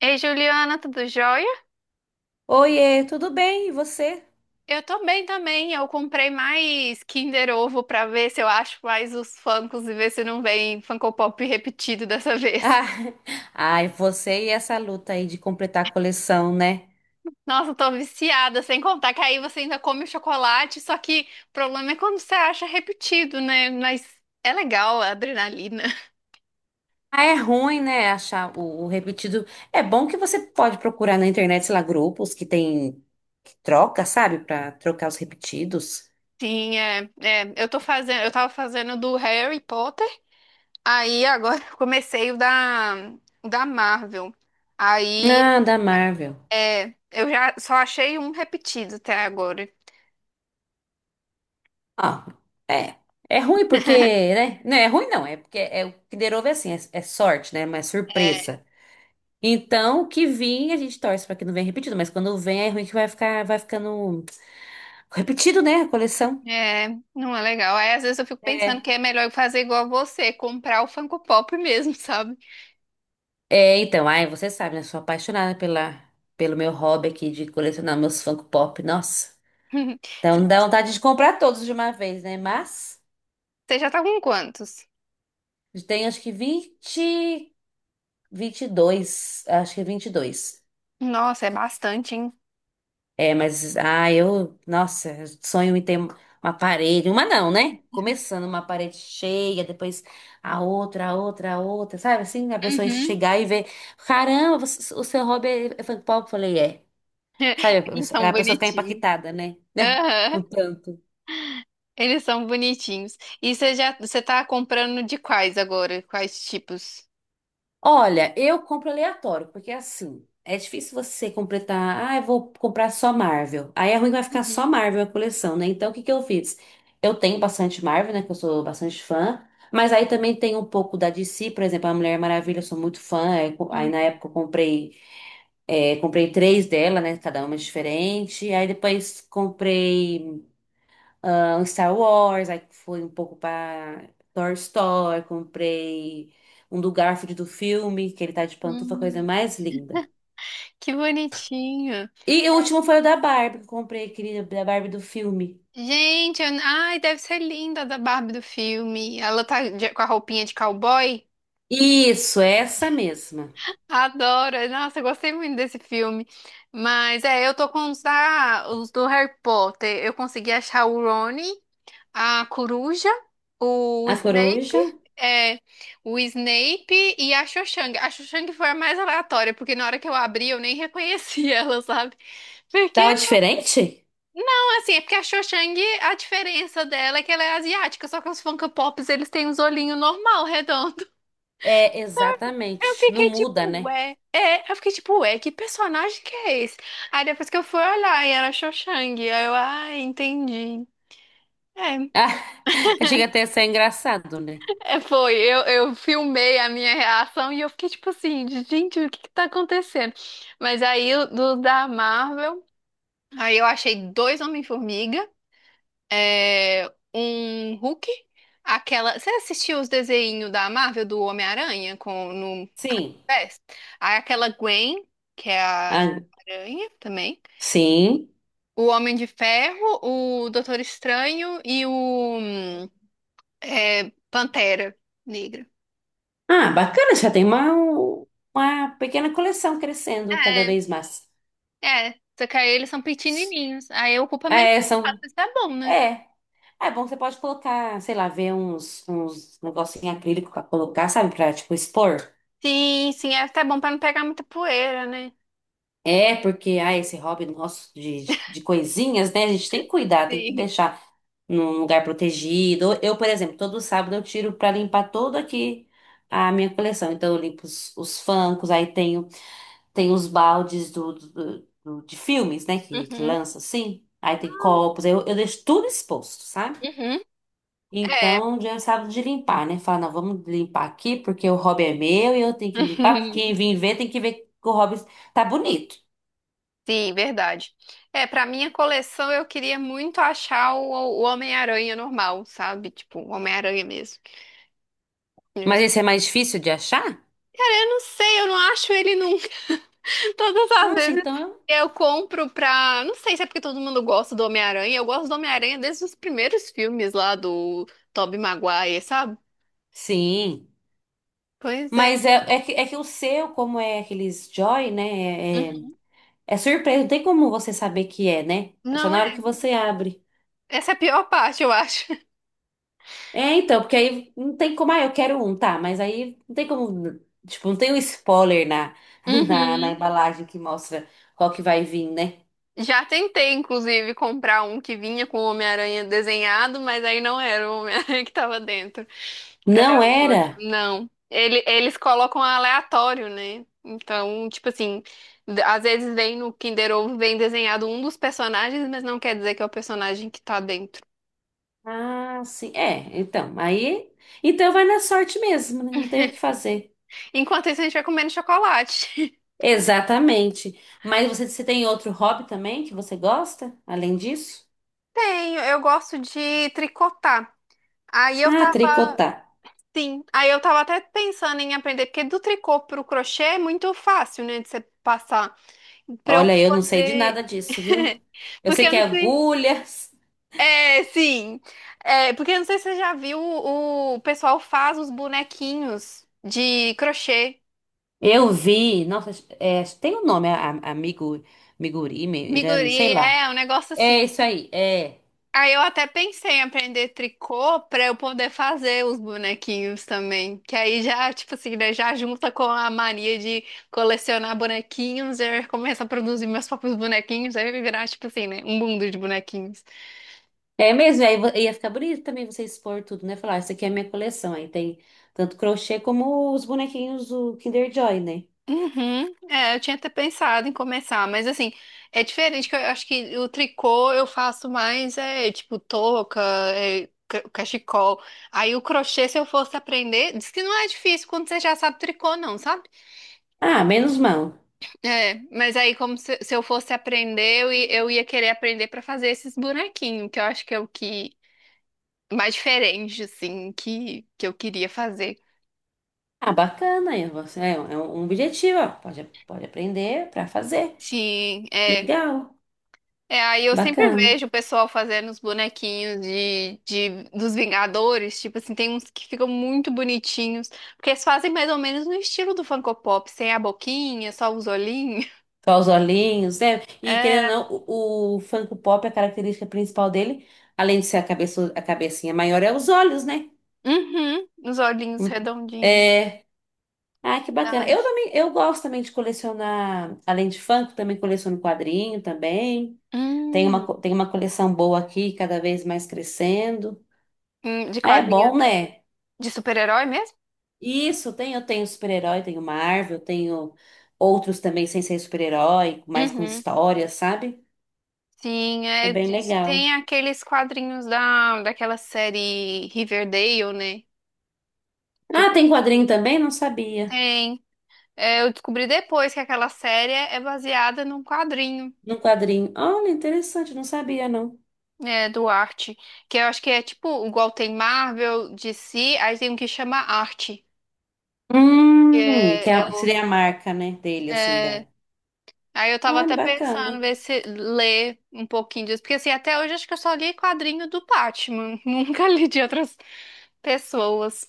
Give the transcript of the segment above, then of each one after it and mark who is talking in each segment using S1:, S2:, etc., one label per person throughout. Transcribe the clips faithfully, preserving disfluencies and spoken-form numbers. S1: Ei, Juliana, tudo jóia?
S2: Oiê, tudo bem? E você?
S1: Eu tô bem também. Eu comprei mais Kinder Ovo pra ver se eu acho mais os Funkos e ver se não vem Funko Pop repetido dessa vez.
S2: Ah, ai, você e essa luta aí de completar a coleção, né?
S1: Nossa, eu tô viciada, sem contar que aí você ainda come o chocolate, só que o problema é quando você acha repetido, né? Mas é legal a adrenalina.
S2: Ah, é ruim, né? Achar o, o repetido. É bom que você pode procurar na internet, sei lá, grupos que tem que troca, sabe? Pra trocar os repetidos.
S1: Sim, é, é, eu tô fazendo, eu tava fazendo do Harry Potter, aí agora eu comecei o da, o da Marvel. Aí
S2: Ah, da Marvel.
S1: é, eu já só achei um repetido até agora.
S2: Ah, é. É ruim porque, né? Não é ruim não, é porque é o que derou é assim, é, é sorte, né? Mas surpresa. Então, o que vir, a gente torce pra que não venha repetido, mas quando vem é ruim que vai ficar, vai ficando repetido, né? A coleção.
S1: É, é, não é legal. Aí às vezes eu fico pensando
S2: É.
S1: que é melhor eu fazer igual a você, comprar o Funko Pop mesmo, sabe?
S2: É, então, ai, você sabe, né? Sou apaixonada pela, pelo meu hobby aqui de colecionar meus Funko Pop. Nossa.
S1: Você
S2: Então
S1: já
S2: dá vontade de comprar todos de uma vez, né? Mas
S1: você já tá com quantos?
S2: tem acho que vinte, dois, acho que vinte e dois.
S1: Nossa, é bastante, hein?
S2: É, mas ah, eu, nossa, eu sonho em ter uma parede, uma não, né? Começando uma parede cheia, depois a outra, a outra, a outra, sabe? Assim, a pessoa
S1: Uhum.
S2: chegar e ver, caramba, você- o seu hobby é Funko Pop, eu falei, é. Sabe, a
S1: Eles
S2: pessoa
S1: são
S2: a pessoa fica
S1: bonitinhos.
S2: impactada, né? Né?
S1: Aham,
S2: Com tanto.
S1: eles são bonitinhos. E você já, você tá comprando de quais agora? Quais tipos?
S2: Olha, eu compro aleatório, porque é assim, é difícil você completar. Ah, eu vou comprar só Marvel. Aí é ruim que vai ficar só
S1: Uhum.
S2: Marvel a coleção, né? Então, o que que eu fiz? Eu tenho bastante Marvel, né? Que eu sou bastante fã. Mas aí também tem um pouco da D C, por exemplo, a Mulher Maravilha, eu sou muito fã. Aí, co- aí na
S1: Uhum.
S2: época eu comprei, é, comprei três dela, né? Cada uma é diferente. Aí depois comprei, ah, um Star Wars, aí foi um pouco pra Toy Story, comprei um do Garfield do filme, que ele tá de pantufa, coisa
S1: Hum,
S2: mais linda.
S1: que bonitinho.
S2: E o último foi o da Barbie, que eu comprei aquele da Barbie do filme.
S1: Gente, eu... ai, deve ser linda a da Barbie do filme. Ela tá de- com a roupinha de cowboy.
S2: Isso, essa mesma.
S1: Adoro. Nossa, eu gostei muito desse filme. Mas é, eu tô com os, da... os do Harry Potter. Eu consegui achar o Rony, a coruja, o
S2: A
S1: Snape,
S2: coruja.
S1: é, o Snape e a Cho-Chang. A Cho-Chang foi a mais aleatória, porque na hora que eu abri eu nem reconheci ela, sabe? Porque
S2: Tava diferente?
S1: assim, é porque a Cho Chang, a diferença dela é que ela é asiática, só que os Funko Pops, eles têm uns olhinhos normal, redondo.
S2: É,
S1: Eu
S2: exatamente. Não
S1: fiquei
S2: muda,
S1: tipo,
S2: né?
S1: ué, é, eu fiquei tipo, ué, que personagem que é esse? Aí depois que eu fui olhar, e era a Cho Chang, aí eu, ah, entendi. É,
S2: Ah, chega até a ser engraçado, né?
S1: é, foi, eu, eu filmei a minha reação e eu fiquei tipo assim, gente, o que que tá acontecendo? Mas aí, o- do da Marvel, aí eu achei dois Homem-Formiga, é, um Hulk, aquela. Você assistiu os desenhos da Marvel do Homem-Aranha com no
S2: Sim.
S1: pés? Aí aquela Gwen, que é a
S2: Ah,
S1: Aranha também.
S2: sim.
S1: O Homem de Ferro, o Doutor Estranho e o hum, é, Pantera Negra.
S2: Ah, bacana, já tem uma, um, uma pequena coleção crescendo cada
S1: É,
S2: vez mais.
S1: é. Só que aí eles são pequenininhos. Aí ocupa menos
S2: É,
S1: espaço,
S2: são.
S1: isso é bom, né?
S2: É. É bom, você pode colocar, sei lá, ver uns, uns negócios em acrílico pra colocar, sabe? Pra, tipo, expor.
S1: Sim, sim, é até bom pra não pegar muita poeira, né?
S2: É, porque, ah, esse hobby nosso de, de, de coisinhas, né? A gente tem que cuidar, tem que
S1: Sim.
S2: deixar num lugar protegido. Eu, por exemplo, todo sábado eu tiro pra limpar todo aqui a minha coleção. Então, eu limpo os, os funkos, aí tenho, tenho os baldes do, do- do- de filmes, né? Que, que
S1: Uhum,
S2: lança assim. Aí tem copos, eu, eu deixo tudo exposto, sabe?
S1: uhum. É.
S2: Então já sabe de limpar, né? Fala, não, vamos limpar aqui porque o hobby é meu e eu tenho que limpar, porque quem vir ver tem que ver que o hobby tá bonito.
S1: Sim, verdade. É, pra minha coleção eu queria muito achar o, o Homem-Aranha normal, sabe? Tipo, o Homem-Aranha mesmo. Cara,
S2: Mas esse é mais difícil de achar?
S1: eu não sei, eu não acho ele nunca. Todas as
S2: Nossa,
S1: vezes
S2: então eu.
S1: eu compro pra. Não sei se é porque todo mundo gosta do Homem-Aranha. Eu gosto do Homem-Aranha desde os primeiros filmes lá do Tobey Maguire, sabe?
S2: Sim.
S1: Pois é.
S2: Mas é, é, que, é que o seu, como é aqueles Joy, né? É, é,
S1: Uhum.
S2: é surpresa, não tem como você saber que é, né? É só
S1: Não
S2: na hora
S1: é.
S2: que você abre.
S1: Essa é a pior parte, eu acho.
S2: É, então, porque aí não tem como, ah, eu quero um, tá, mas aí não tem como, tipo, não tem um spoiler na, na, na embalagem que mostra qual que vai vir, né?
S1: Já tentei, inclusive, comprar um que vinha com o Homem-Aranha desenhado, mas aí não era o Homem-Aranha que tava dentro.
S2: Não
S1: Era o outro.
S2: era?
S1: Não. Ele, eles colocam aleatório, né? Então, tipo assim, d- às vezes vem no Kinder Ovo, vem desenhado um dos personagens, mas não quer dizer que é o personagem que tá dentro.
S2: Ah, sim. É, então, aí. Então vai na sorte mesmo, né? Não tem o que fazer.
S1: Enquanto isso, a gente vai comendo chocolate.
S2: Exatamente. Mas você, você tem outro hobby também que você gosta, além disso?
S1: Tenho, eu gosto de tricotar. Aí eu
S2: Ah,
S1: tava.
S2: tricotar.
S1: Sim, aí eu tava até pensando em aprender, porque do tricô pro crochê é muito fácil, né, de você passar. Pra eu
S2: Olha, eu não sei de
S1: poder.
S2: nada disso, viu? Eu
S1: Porque
S2: sei
S1: eu
S2: que é
S1: não sei.
S2: agulhas.
S1: É, sim. É, porque eu não sei se você já viu, o o pessoal faz os bonequinhos de crochê.
S2: Eu vi. Nossa, é, tem um nome, a- a- amigo, migurumi, irame, sei
S1: Miguri,
S2: lá.
S1: é, um negócio
S2: É
S1: assim.
S2: isso aí, é.
S1: Aí eu até pensei em aprender tricô pra eu poder fazer os bonequinhos também. Que aí já, tipo assim, né, já junta com a mania de colecionar bonequinhos, eu começo a produzir meus próprios bonequinhos, aí vai virar, tipo assim, né, um mundo de bonequinhos.
S2: É mesmo, aí vo- ia ficar bonito também você expor tudo, né? Falar, "Ah, isso aqui é a minha coleção. Aí tem tanto crochê como os bonequinhos do Kinder Joy, né?
S1: Uhum. É, eu tinha até pensado em começar, mas assim, é diferente que eu acho que o tricô eu faço mais é tipo touca, é, ca- cachecol. Aí o crochê, se eu fosse aprender, diz que não é difícil quando você já sabe tricô, não, sabe?
S2: Ah, menos mão.
S1: É, mas aí como se, se eu fosse aprender, eu, i- eu ia querer aprender pra fazer esses bonequinhos, que eu acho que é o que mais diferente assim que que eu queria fazer.
S2: Ah, bacana, aí você- é, é um objetivo, ó. Pode, pode aprender para fazer.
S1: Sim, é.
S2: Legal,
S1: É, aí eu sempre
S2: bacana.
S1: vejo o pessoal fazendo os bonequinhos de, de- dos Vingadores, tipo assim, tem uns que ficam muito bonitinhos, porque eles fazem mais ou menos no estilo do Funko Pop, sem a boquinha, só os olhinhos.
S2: Só os olhinhos, né? E
S1: É,
S2: querendo ou não, o, o Funko Pop, é a característica principal dele, além de ser a cabeça, a cabecinha maior, é os olhos, né?
S1: uhum, os olhinhos
S2: Hum.
S1: redondinhos,
S2: É. Ah, que bacana. Eu
S1: verdade.
S2: também, eu gosto também de colecionar, além de funk, também coleciono quadrinho também. Tem uma,
S1: Hum,
S2: co- tem uma coleção boa aqui, cada vez mais crescendo.
S1: hum, de
S2: Ah, é
S1: quadrinho
S2: bom, né?
S1: de super-herói mesmo?
S2: Isso, tem, eu tenho super-herói, tenho Marvel, tenho outros também sem ser super-herói, mais com
S1: Uhum.
S2: história, sabe?
S1: Sim,
S2: É
S1: é,
S2: bem
S1: diz-
S2: legal.
S1: tem aqueles quadrinhos da, daquela série Riverdale, né? Que o
S2: Ah, tem
S1: pessoal
S2: quadrinho também? Não sabia.
S1: tem. É, eu descobri depois que aquela série é é baseada num quadrinho,
S2: No quadrinho. Olha, interessante, não sabia, não.
S1: é, do Arte, que eu acho que é tipo, igual tem Marvel, D C, aí tem um que chama Arte. Que
S2: Hum, que
S1: É, é
S2: é-
S1: o-
S2: seria a marca, né, dele, assim, da.
S1: é, aí eu tava até
S2: Olha,
S1: pensando
S2: bacana.
S1: ver se ler um pouquinho disso, porque assim, até hoje acho que eu só li quadrinho do Batman, nunca li de outras pessoas.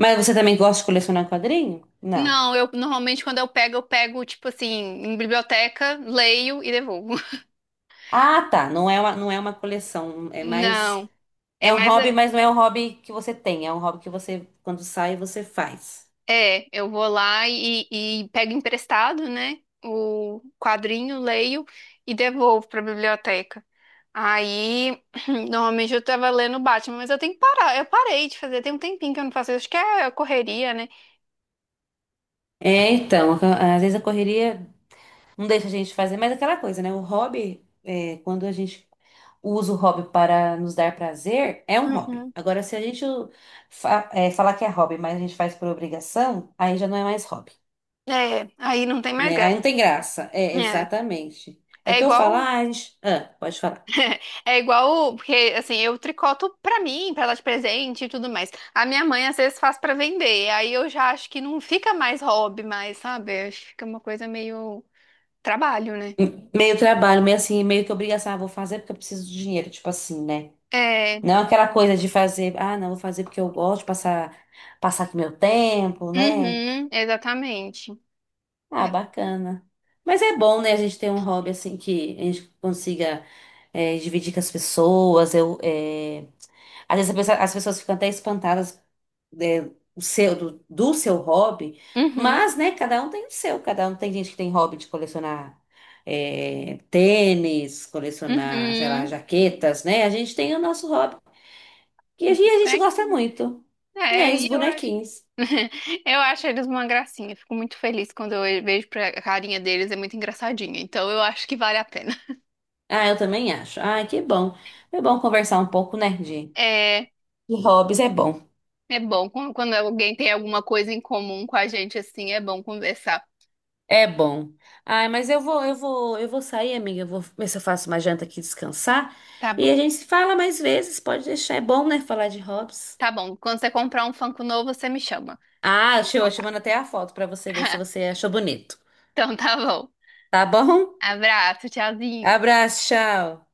S2: Mas você também gosta de colecionar quadrinho? Não.
S1: Não, eu normalmente quando eu pego, eu pego tipo assim, em biblioteca, leio e devolvo.
S2: Ah, tá. Não é uma, não é uma coleção. É mais.
S1: Não, é
S2: É um
S1: mais.
S2: hobby,
S1: É,
S2: mas não é um hobby que você tem. É um hobby que você, quando sai, você faz.
S1: é, eu vou lá e, e pego emprestado, né? O quadrinho, leio e devolvo para a biblioteca. Aí, normalmente eu tava lendo Batman, mas eu tenho que parar. Eu parei de fazer, tem um tempinho que eu não faço isso. Acho que é correria, né?
S2: É, então. a- Às vezes a correria não deixa a gente fazer, mas é aquela coisa, né? O hobby, é, quando a gente usa o hobby para nos dar prazer, é um hobby.
S1: Uhum.
S2: Agora, se a gente fa- é, falar que é hobby, mas a gente faz por obrigação, aí já não é mais hobby,
S1: É, aí não tem mais
S2: né? Aí
S1: graça.
S2: não tem graça. É,
S1: É,
S2: exatamente. É o
S1: é
S2: que eu falo.
S1: igual,
S2: Ah, a gente... ah, pode falar.
S1: é igual, porque assim, eu tricoto pra mim, pra dar de presente e tudo mais. A minha mãe às vezes faz pra vender, aí eu já acho que não fica mais hobby mais, sabe? Acho que fica uma coisa meio trabalho, né?
S2: Meio trabalho, meio assim, meio que obrigação, ah, vou fazer porque eu preciso de dinheiro, tipo assim, né?
S1: É,
S2: Não é aquela coisa de fazer, ah, não, vou fazer porque eu gosto de passar, passar aqui meu tempo, né?
S1: uhum, exatamente.
S2: Ah,
S1: É.
S2: bacana. Mas é bom, né, a gente ter um hobby assim que a gente consiga eh, dividir com as pessoas. Eu, eh, às vezes a pessoa- as pessoas ficam até espantadas é, o seu, do, do seu hobby,
S1: Uhum,
S2: mas, né, cada um tem o seu, cada um tem gente que tem hobby de colecionar é, tênis, colecionar, sei lá,
S1: uhum.
S2: jaquetas, né? A gente tem o nosso hobby, que a gente, a gente gosta
S1: Bonequinho.
S2: muito,
S1: É,
S2: né, os
S1: e eu acho.
S2: bonequinhos.
S1: Eu acho eles uma gracinha. Fico muito feliz quando eu vejo pra a carinha deles, é muito engraçadinha. Então eu acho que vale a pena.
S2: Ah, eu também acho. Ah, que bom. É bom conversar um pouco, né, de
S1: É,
S2: de hobbies, é bom.
S1: é bom quando quando alguém tem alguma coisa em comum com a gente assim, é bom conversar.
S2: É bom. Ai, mas eu vou, eu vou, eu vou sair, amiga. Eu vou ver se eu faço uma janta aqui descansar.
S1: Tá
S2: E
S1: bom.
S2: a gente se fala mais vezes, pode deixar. É bom, né, falar de hobbies.
S1: Tá bom. Quando você comprar um Funko novo, você me chama.
S2: Ah, show, eu
S1: Então
S2: te
S1: tá.
S2: mando até a foto pra você ver se você achou bonito.
S1: Então tá bom.
S2: Tá bom?
S1: Abraço, tchauzinho.
S2: Abraço, tchau.